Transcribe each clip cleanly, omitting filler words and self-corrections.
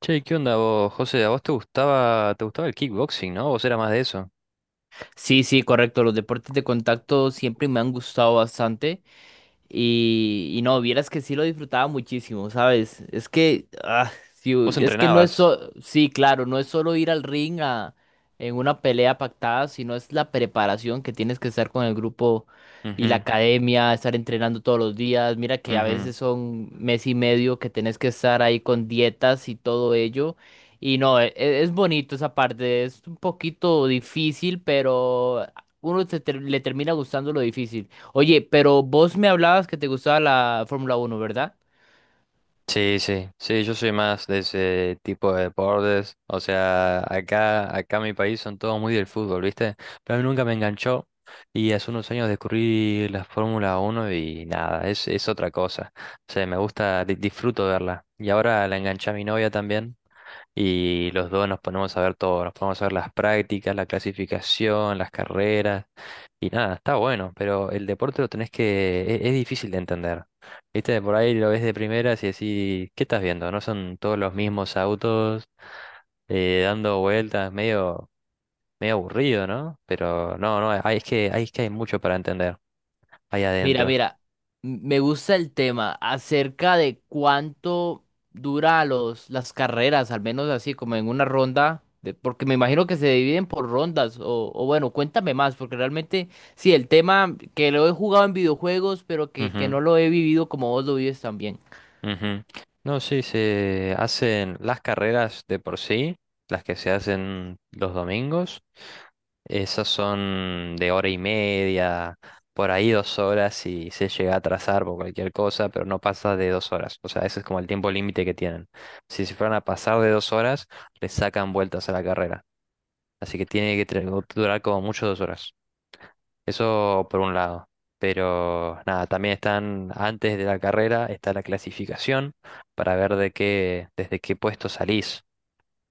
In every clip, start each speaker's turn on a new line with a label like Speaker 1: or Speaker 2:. Speaker 1: Che, ¿qué onda vos, José? ¿A vos te gustaba el kickboxing, ¿no? ¿Vos era más de eso?
Speaker 2: Sí, sí, correcto. Los deportes de contacto siempre me han gustado bastante. Y no, vieras que sí lo disfrutaba muchísimo, ¿sabes? Es que, ah, sí,
Speaker 1: ¿Vos
Speaker 2: es que no es
Speaker 1: entrenabas?
Speaker 2: solo, sí, claro, no es solo ir al ring en una pelea pactada, sino es la preparación que tienes que estar con el grupo y la
Speaker 1: Ujú,
Speaker 2: academia, estar entrenando todos los días. Mira que a
Speaker 1: ujú.
Speaker 2: veces son mes y medio que tenés que estar ahí con dietas y todo ello. Y no, es bonito esa parte, es un poquito difícil, pero uno le termina gustando lo difícil. Oye, pero vos me hablabas que te gustaba la Fórmula uno, ¿verdad?
Speaker 1: Sí, sí, sí, yo soy más de ese tipo de deportes. O sea, acá en mi país son todos muy del fútbol, ¿viste? Pero a mí nunca me enganchó y hace unos años descubrí la Fórmula uno y nada, es otra cosa. O sea, me gusta, disfruto verla. Y ahora la enganché a mi novia también. Y los dos nos ponemos a ver todo, nos ponemos a ver las prácticas, la clasificación, las carreras. Y nada, está bueno, pero el deporte lo tenés que… Es difícil de entender. Viste, por ahí lo ves de primeras y decís, ¿qué estás viendo? ¿No son todos los mismos autos dando vueltas? Medio aburrido, ¿no? Pero no, no, hay, es que hay mucho para entender ahí
Speaker 2: Mira,
Speaker 1: adentro.
Speaker 2: mira, me gusta el tema acerca de cuánto dura las carreras, al menos así como en una ronda, porque me imagino que se dividen por rondas, o bueno, cuéntame más, porque realmente, sí, el tema que lo he jugado en videojuegos, pero que
Speaker 1: Ujú,
Speaker 2: no lo he vivido como vos lo vives también.
Speaker 1: ujú. No, sí, se hacen las carreras de por sí, las que se hacen los domingos. Esas son de hora y media, por ahí dos horas y se llega a atrasar por cualquier cosa, pero no pasa de dos horas. O sea, ese es como el tiempo límite que tienen. Si se fueran a pasar de dos horas, les sacan vueltas a la carrera. Así que tiene que durar como mucho dos horas. Eso por un lado. Pero nada, también están antes de la carrera, está la clasificación para ver desde qué puesto salís.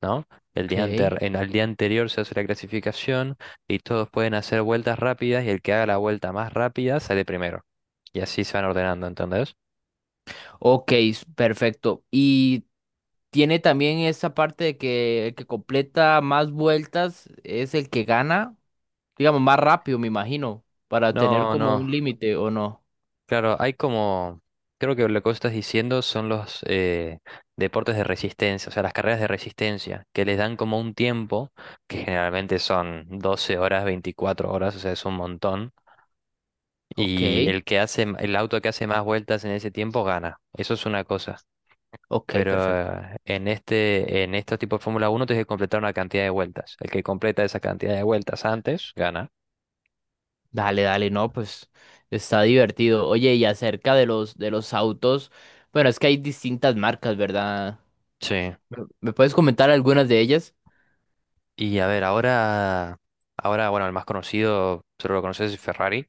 Speaker 1: ¿No? El
Speaker 2: Ok,
Speaker 1: el día anterior se hace la clasificación y todos pueden hacer vueltas rápidas y el que haga la vuelta más rápida sale primero. Y así se van ordenando, ¿entendés?
Speaker 2: ok, perfecto. Y tiene también esa parte de que el que completa más vueltas es el que gana, digamos, más rápido, me imagino, para tener
Speaker 1: No,
Speaker 2: como
Speaker 1: no.
Speaker 2: un límite o no.
Speaker 1: Claro, hay como… Creo que lo que vos estás diciendo son los deportes de resistencia, o sea, las carreras de resistencia, que les dan como un tiempo, que generalmente son 12 horas, 24 horas, o sea, es un montón,
Speaker 2: Ok,
Speaker 1: y el auto que hace más vueltas en ese tiempo gana. Eso es una cosa.
Speaker 2: ok,
Speaker 1: Pero
Speaker 2: perfecto.
Speaker 1: en estos tipos de Fórmula Uno tienes que completar una cantidad de vueltas. El que completa esa cantidad de vueltas antes, gana.
Speaker 2: Dale, dale, no, pues está divertido. Oye, y acerca de los autos, bueno, es que hay distintas marcas, ¿verdad?
Speaker 1: Sí.
Speaker 2: ¿Me puedes comentar algunas de ellas?
Speaker 1: Y a ver, ahora, bueno, el más conocido, solo lo conoces, es Ferrari.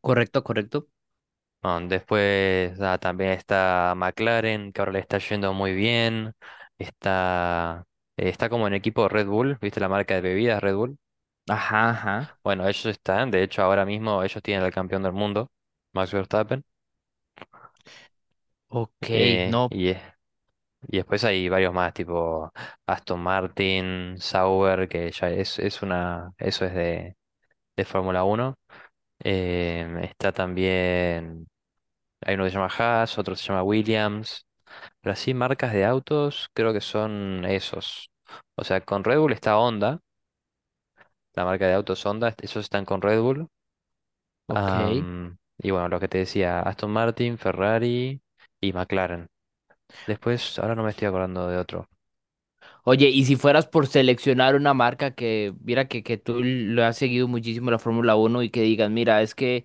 Speaker 2: Correcto, correcto.
Speaker 1: Ah, después también está McLaren, que ahora le está yendo muy bien. Está, está como en equipo Red Bull, ¿viste la marca de bebidas Red Bull?
Speaker 2: Ajá, ajá.
Speaker 1: Bueno, ellos están, de hecho, ahora mismo ellos tienen al campeón del mundo, Max Verstappen.
Speaker 2: Ok,
Speaker 1: Eh,
Speaker 2: no,
Speaker 1: y es Y después hay varios más, tipo Aston Martin, Sauber, que ya es una, eso es de Fórmula Uno. Está también, hay uno que se llama Haas, otro que se llama Williams. Pero así marcas de autos creo que son esos. O sea, con Red Bull está Honda, la marca de autos Honda, esos están con Red Bull.
Speaker 2: ok.
Speaker 1: Y bueno, lo que te decía, Aston Martin, Ferrari y McLaren. Después, ahora no me estoy acordando de otro.
Speaker 2: Oye, y si fueras por seleccionar una marca que, mira, que tú lo has seguido muchísimo la Fórmula Uno y que digas, mira, es que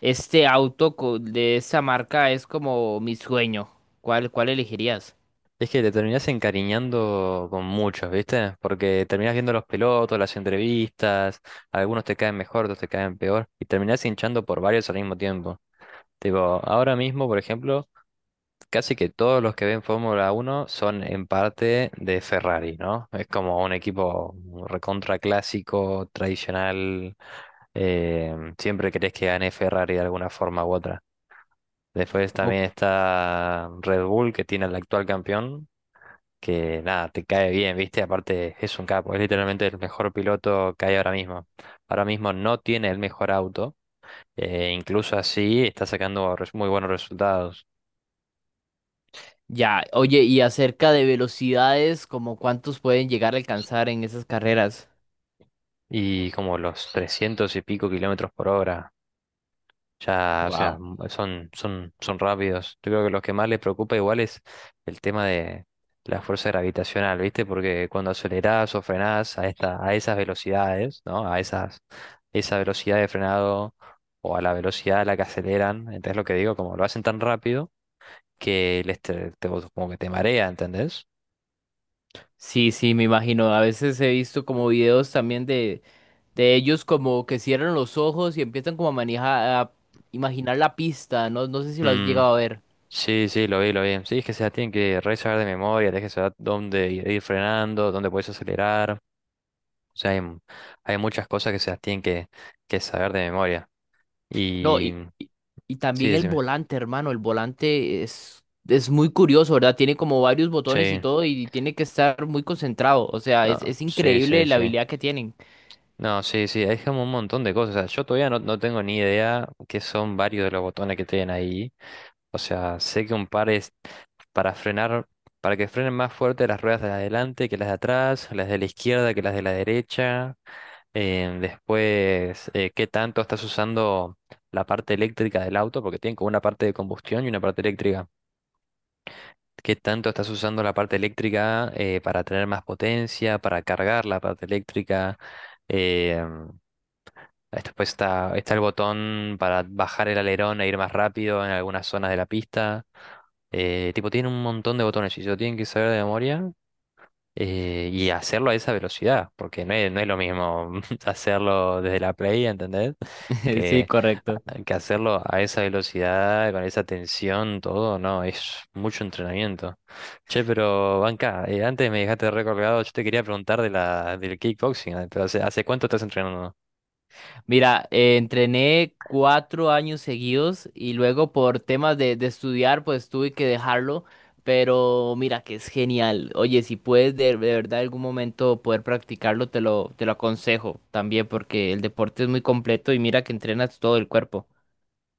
Speaker 2: este auto de esa marca es como mi sueño, ¿cuál elegirías?
Speaker 1: Es que te terminás encariñando con muchos, ¿viste? Porque terminás viendo los pilotos, las entrevistas, algunos te caen mejor, otros te caen peor, y terminás hinchando por varios al mismo tiempo. Tipo, ahora mismo, por ejemplo, casi que todos los que ven Fórmula Uno son en parte de Ferrari, ¿no? Es como un equipo recontra clásico, tradicional, siempre querés que gane Ferrari de alguna forma u otra. Después
Speaker 2: O-
Speaker 1: también está Red Bull, que tiene al actual campeón, que nada, te cae bien, ¿viste? Aparte es un capo, es literalmente el mejor piloto que hay ahora mismo. Ahora mismo no tiene el mejor auto, incluso así está sacando muy buenos resultados.
Speaker 2: ya, oye, y acerca de velocidades, ¿como cuántos pueden llegar a alcanzar en esas carreras?
Speaker 1: Y como los 300 y pico kilómetros por hora. Ya, o sea,
Speaker 2: Wow.
Speaker 1: son rápidos. Yo creo que lo que más les preocupa igual es el tema de la fuerza gravitacional, ¿viste? Porque cuando acelerás o frenás a esas velocidades, ¿no? Esa velocidad de frenado o a la velocidad a la que aceleran, ¿entendés lo que digo? Como lo hacen tan rápido que como que te marea, ¿entendés?
Speaker 2: Sí, sí, me imagino. A veces he visto como videos también de ellos como que cierran los ojos y empiezan como a manejar, a imaginar la pista, ¿no? No sé si lo has
Speaker 1: Mm,
Speaker 2: llegado a ver.
Speaker 1: sí, sí, lo vi, lo vi. Sí, es que se la tienen que re saber de memoria, tenés que saber dónde ir frenando, dónde puedes acelerar. O sea, hay muchas cosas que se las tienen que saber de memoria.
Speaker 2: No,
Speaker 1: Y
Speaker 2: y
Speaker 1: sí,
Speaker 2: también el
Speaker 1: decime.
Speaker 2: volante, hermano, el volante es muy curioso, ¿verdad? Tiene como varios botones y
Speaker 1: Sí,
Speaker 2: todo y tiene que estar muy concentrado. O sea, es
Speaker 1: sí, sí,
Speaker 2: increíble la
Speaker 1: sí.
Speaker 2: habilidad que tienen.
Speaker 1: No, sí, sí, hay como un montón de cosas. O sea, yo todavía no, no tengo ni idea qué son varios de los botones que tienen ahí. O sea, sé que un par es para frenar, para que frenen más fuerte las ruedas de adelante que las de atrás, las de la izquierda que las de la derecha. Después, qué tanto estás usando la parte eléctrica del auto, porque tienen como una parte de combustión y una parte eléctrica. ¿Qué tanto estás usando la parte eléctrica para tener más potencia, para cargar la parte eléctrica? Eh, Después está el botón para bajar el alerón e ir más rápido en algunas zonas de la pista. Tipo, tiene un montón de botones y se lo tienen que saber de memoria y hacerlo a esa velocidad, porque no es lo mismo hacerlo desde la Play, ¿entendés?
Speaker 2: Sí,
Speaker 1: Que,
Speaker 2: correcto.
Speaker 1: que hacerlo a esa velocidad, con esa tensión, todo, no, es mucho entrenamiento. Che, pero Banca, antes me dejaste recolgado, yo te quería preguntar del kickboxing, pero hace cuánto estás entrenando?
Speaker 2: Mira, entrené 4 años seguidos y luego por temas de estudiar, pues tuve que dejarlo. Pero mira que es genial. Oye, si puedes de verdad algún momento poder practicarlo, te lo aconsejo también porque el deporte es muy completo y mira que entrenas todo el cuerpo.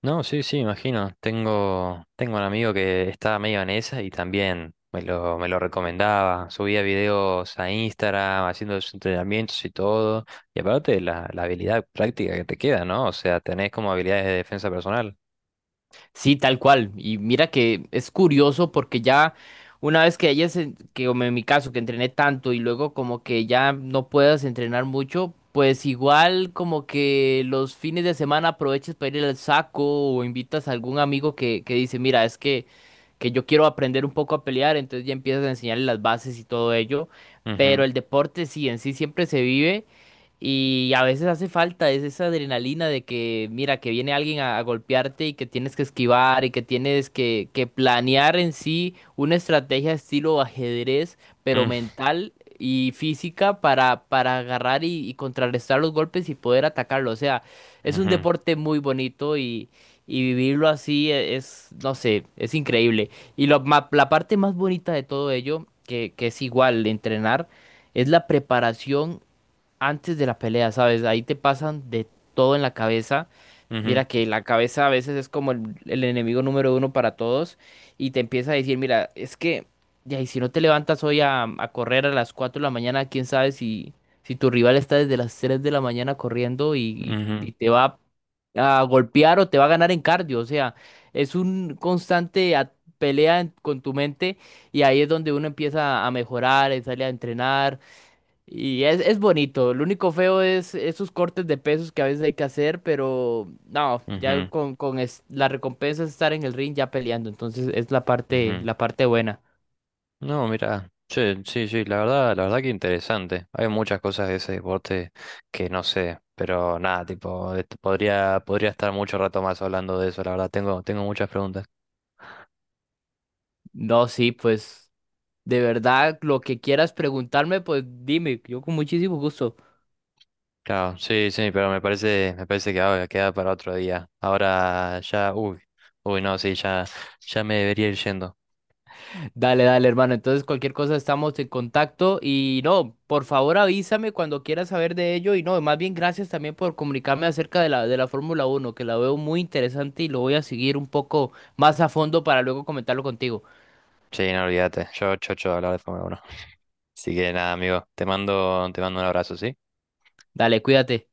Speaker 1: No, sí, sí, imagino. Tengo un amigo que estaba medio en esa y también me lo recomendaba. Subía videos a Instagram haciendo sus entrenamientos y todo. Y aparte la habilidad práctica que te queda, ¿no? O sea, tenés como habilidades de defensa personal.
Speaker 2: Sí, tal cual. Y mira que es curioso porque ya una vez que hayas, que como en mi caso, que entrené tanto y luego como que ya no puedas entrenar mucho, pues igual como que los fines de semana aproveches para ir al saco o invitas a algún amigo que dice, mira, es que, yo quiero aprender un poco a pelear, entonces ya empiezas a enseñarle las bases y todo ello.
Speaker 1: Ujú,
Speaker 2: Pero el deporte sí, en sí siempre se vive. Y a veces hace falta es esa adrenalina de que, mira, que viene alguien a golpearte y que tienes que esquivar y que tienes que planear en sí una estrategia estilo ajedrez, pero
Speaker 1: mm,
Speaker 2: mental y física para agarrar y contrarrestar los golpes y poder atacarlo. O sea, es un
Speaker 1: ujú,
Speaker 2: deporte muy bonito y vivirlo así es, no sé, es increíble. Y lo la parte más bonita de todo ello, que es igual entrenar, es la preparación antes de la pelea, ¿sabes? Ahí te pasan de todo en la cabeza.
Speaker 1: ujú,
Speaker 2: Mira que la cabeza a veces es como el enemigo número uno para todos y te empieza a decir, mira, es que, ya, y si no te levantas hoy a correr a las 4:00 de la mañana, quién sabe si, si tu rival está desde las 3:00 de la mañana corriendo y
Speaker 1: ujú,
Speaker 2: te va a golpear o te va a ganar en cardio. O sea, es un constante pelea con tu mente y ahí es donde uno empieza a mejorar, sale a entrenar y es bonito. Lo único feo es esos cortes de pesos que a veces hay que hacer, pero no, ya
Speaker 1: ujú,
Speaker 2: la recompensa es estar en el ring ya peleando. Entonces es
Speaker 1: ujú.
Speaker 2: la parte buena.
Speaker 1: No, mira, che, sí, sí, la verdad que interesante. Hay muchas cosas de ese deporte que no sé, pero nada, tipo, este, podría estar mucho rato más hablando de eso, la verdad, tengo muchas preguntas.
Speaker 2: No, sí, pues de verdad, lo que quieras preguntarme, pues dime, yo con muchísimo gusto.
Speaker 1: Claro, sí, sí, pero me parece que ahora queda para otro día. Ahora ya, uy, uy, no, sí, ya, ya me debería ir yendo.
Speaker 2: Dale, dale, hermano. Entonces, cualquier cosa estamos en contacto y no, por favor avísame cuando quieras saber de ello y no, más bien gracias también por comunicarme acerca de la Fórmula Uno, que la veo muy interesante y lo voy a seguir un poco más a fondo para luego comentarlo contigo.
Speaker 1: Sí, no olvídate, yo chocho de hablar de Fórmula 1. Así que nada, amigo, te mando un abrazo, ¿sí?
Speaker 2: Dale, cuídate.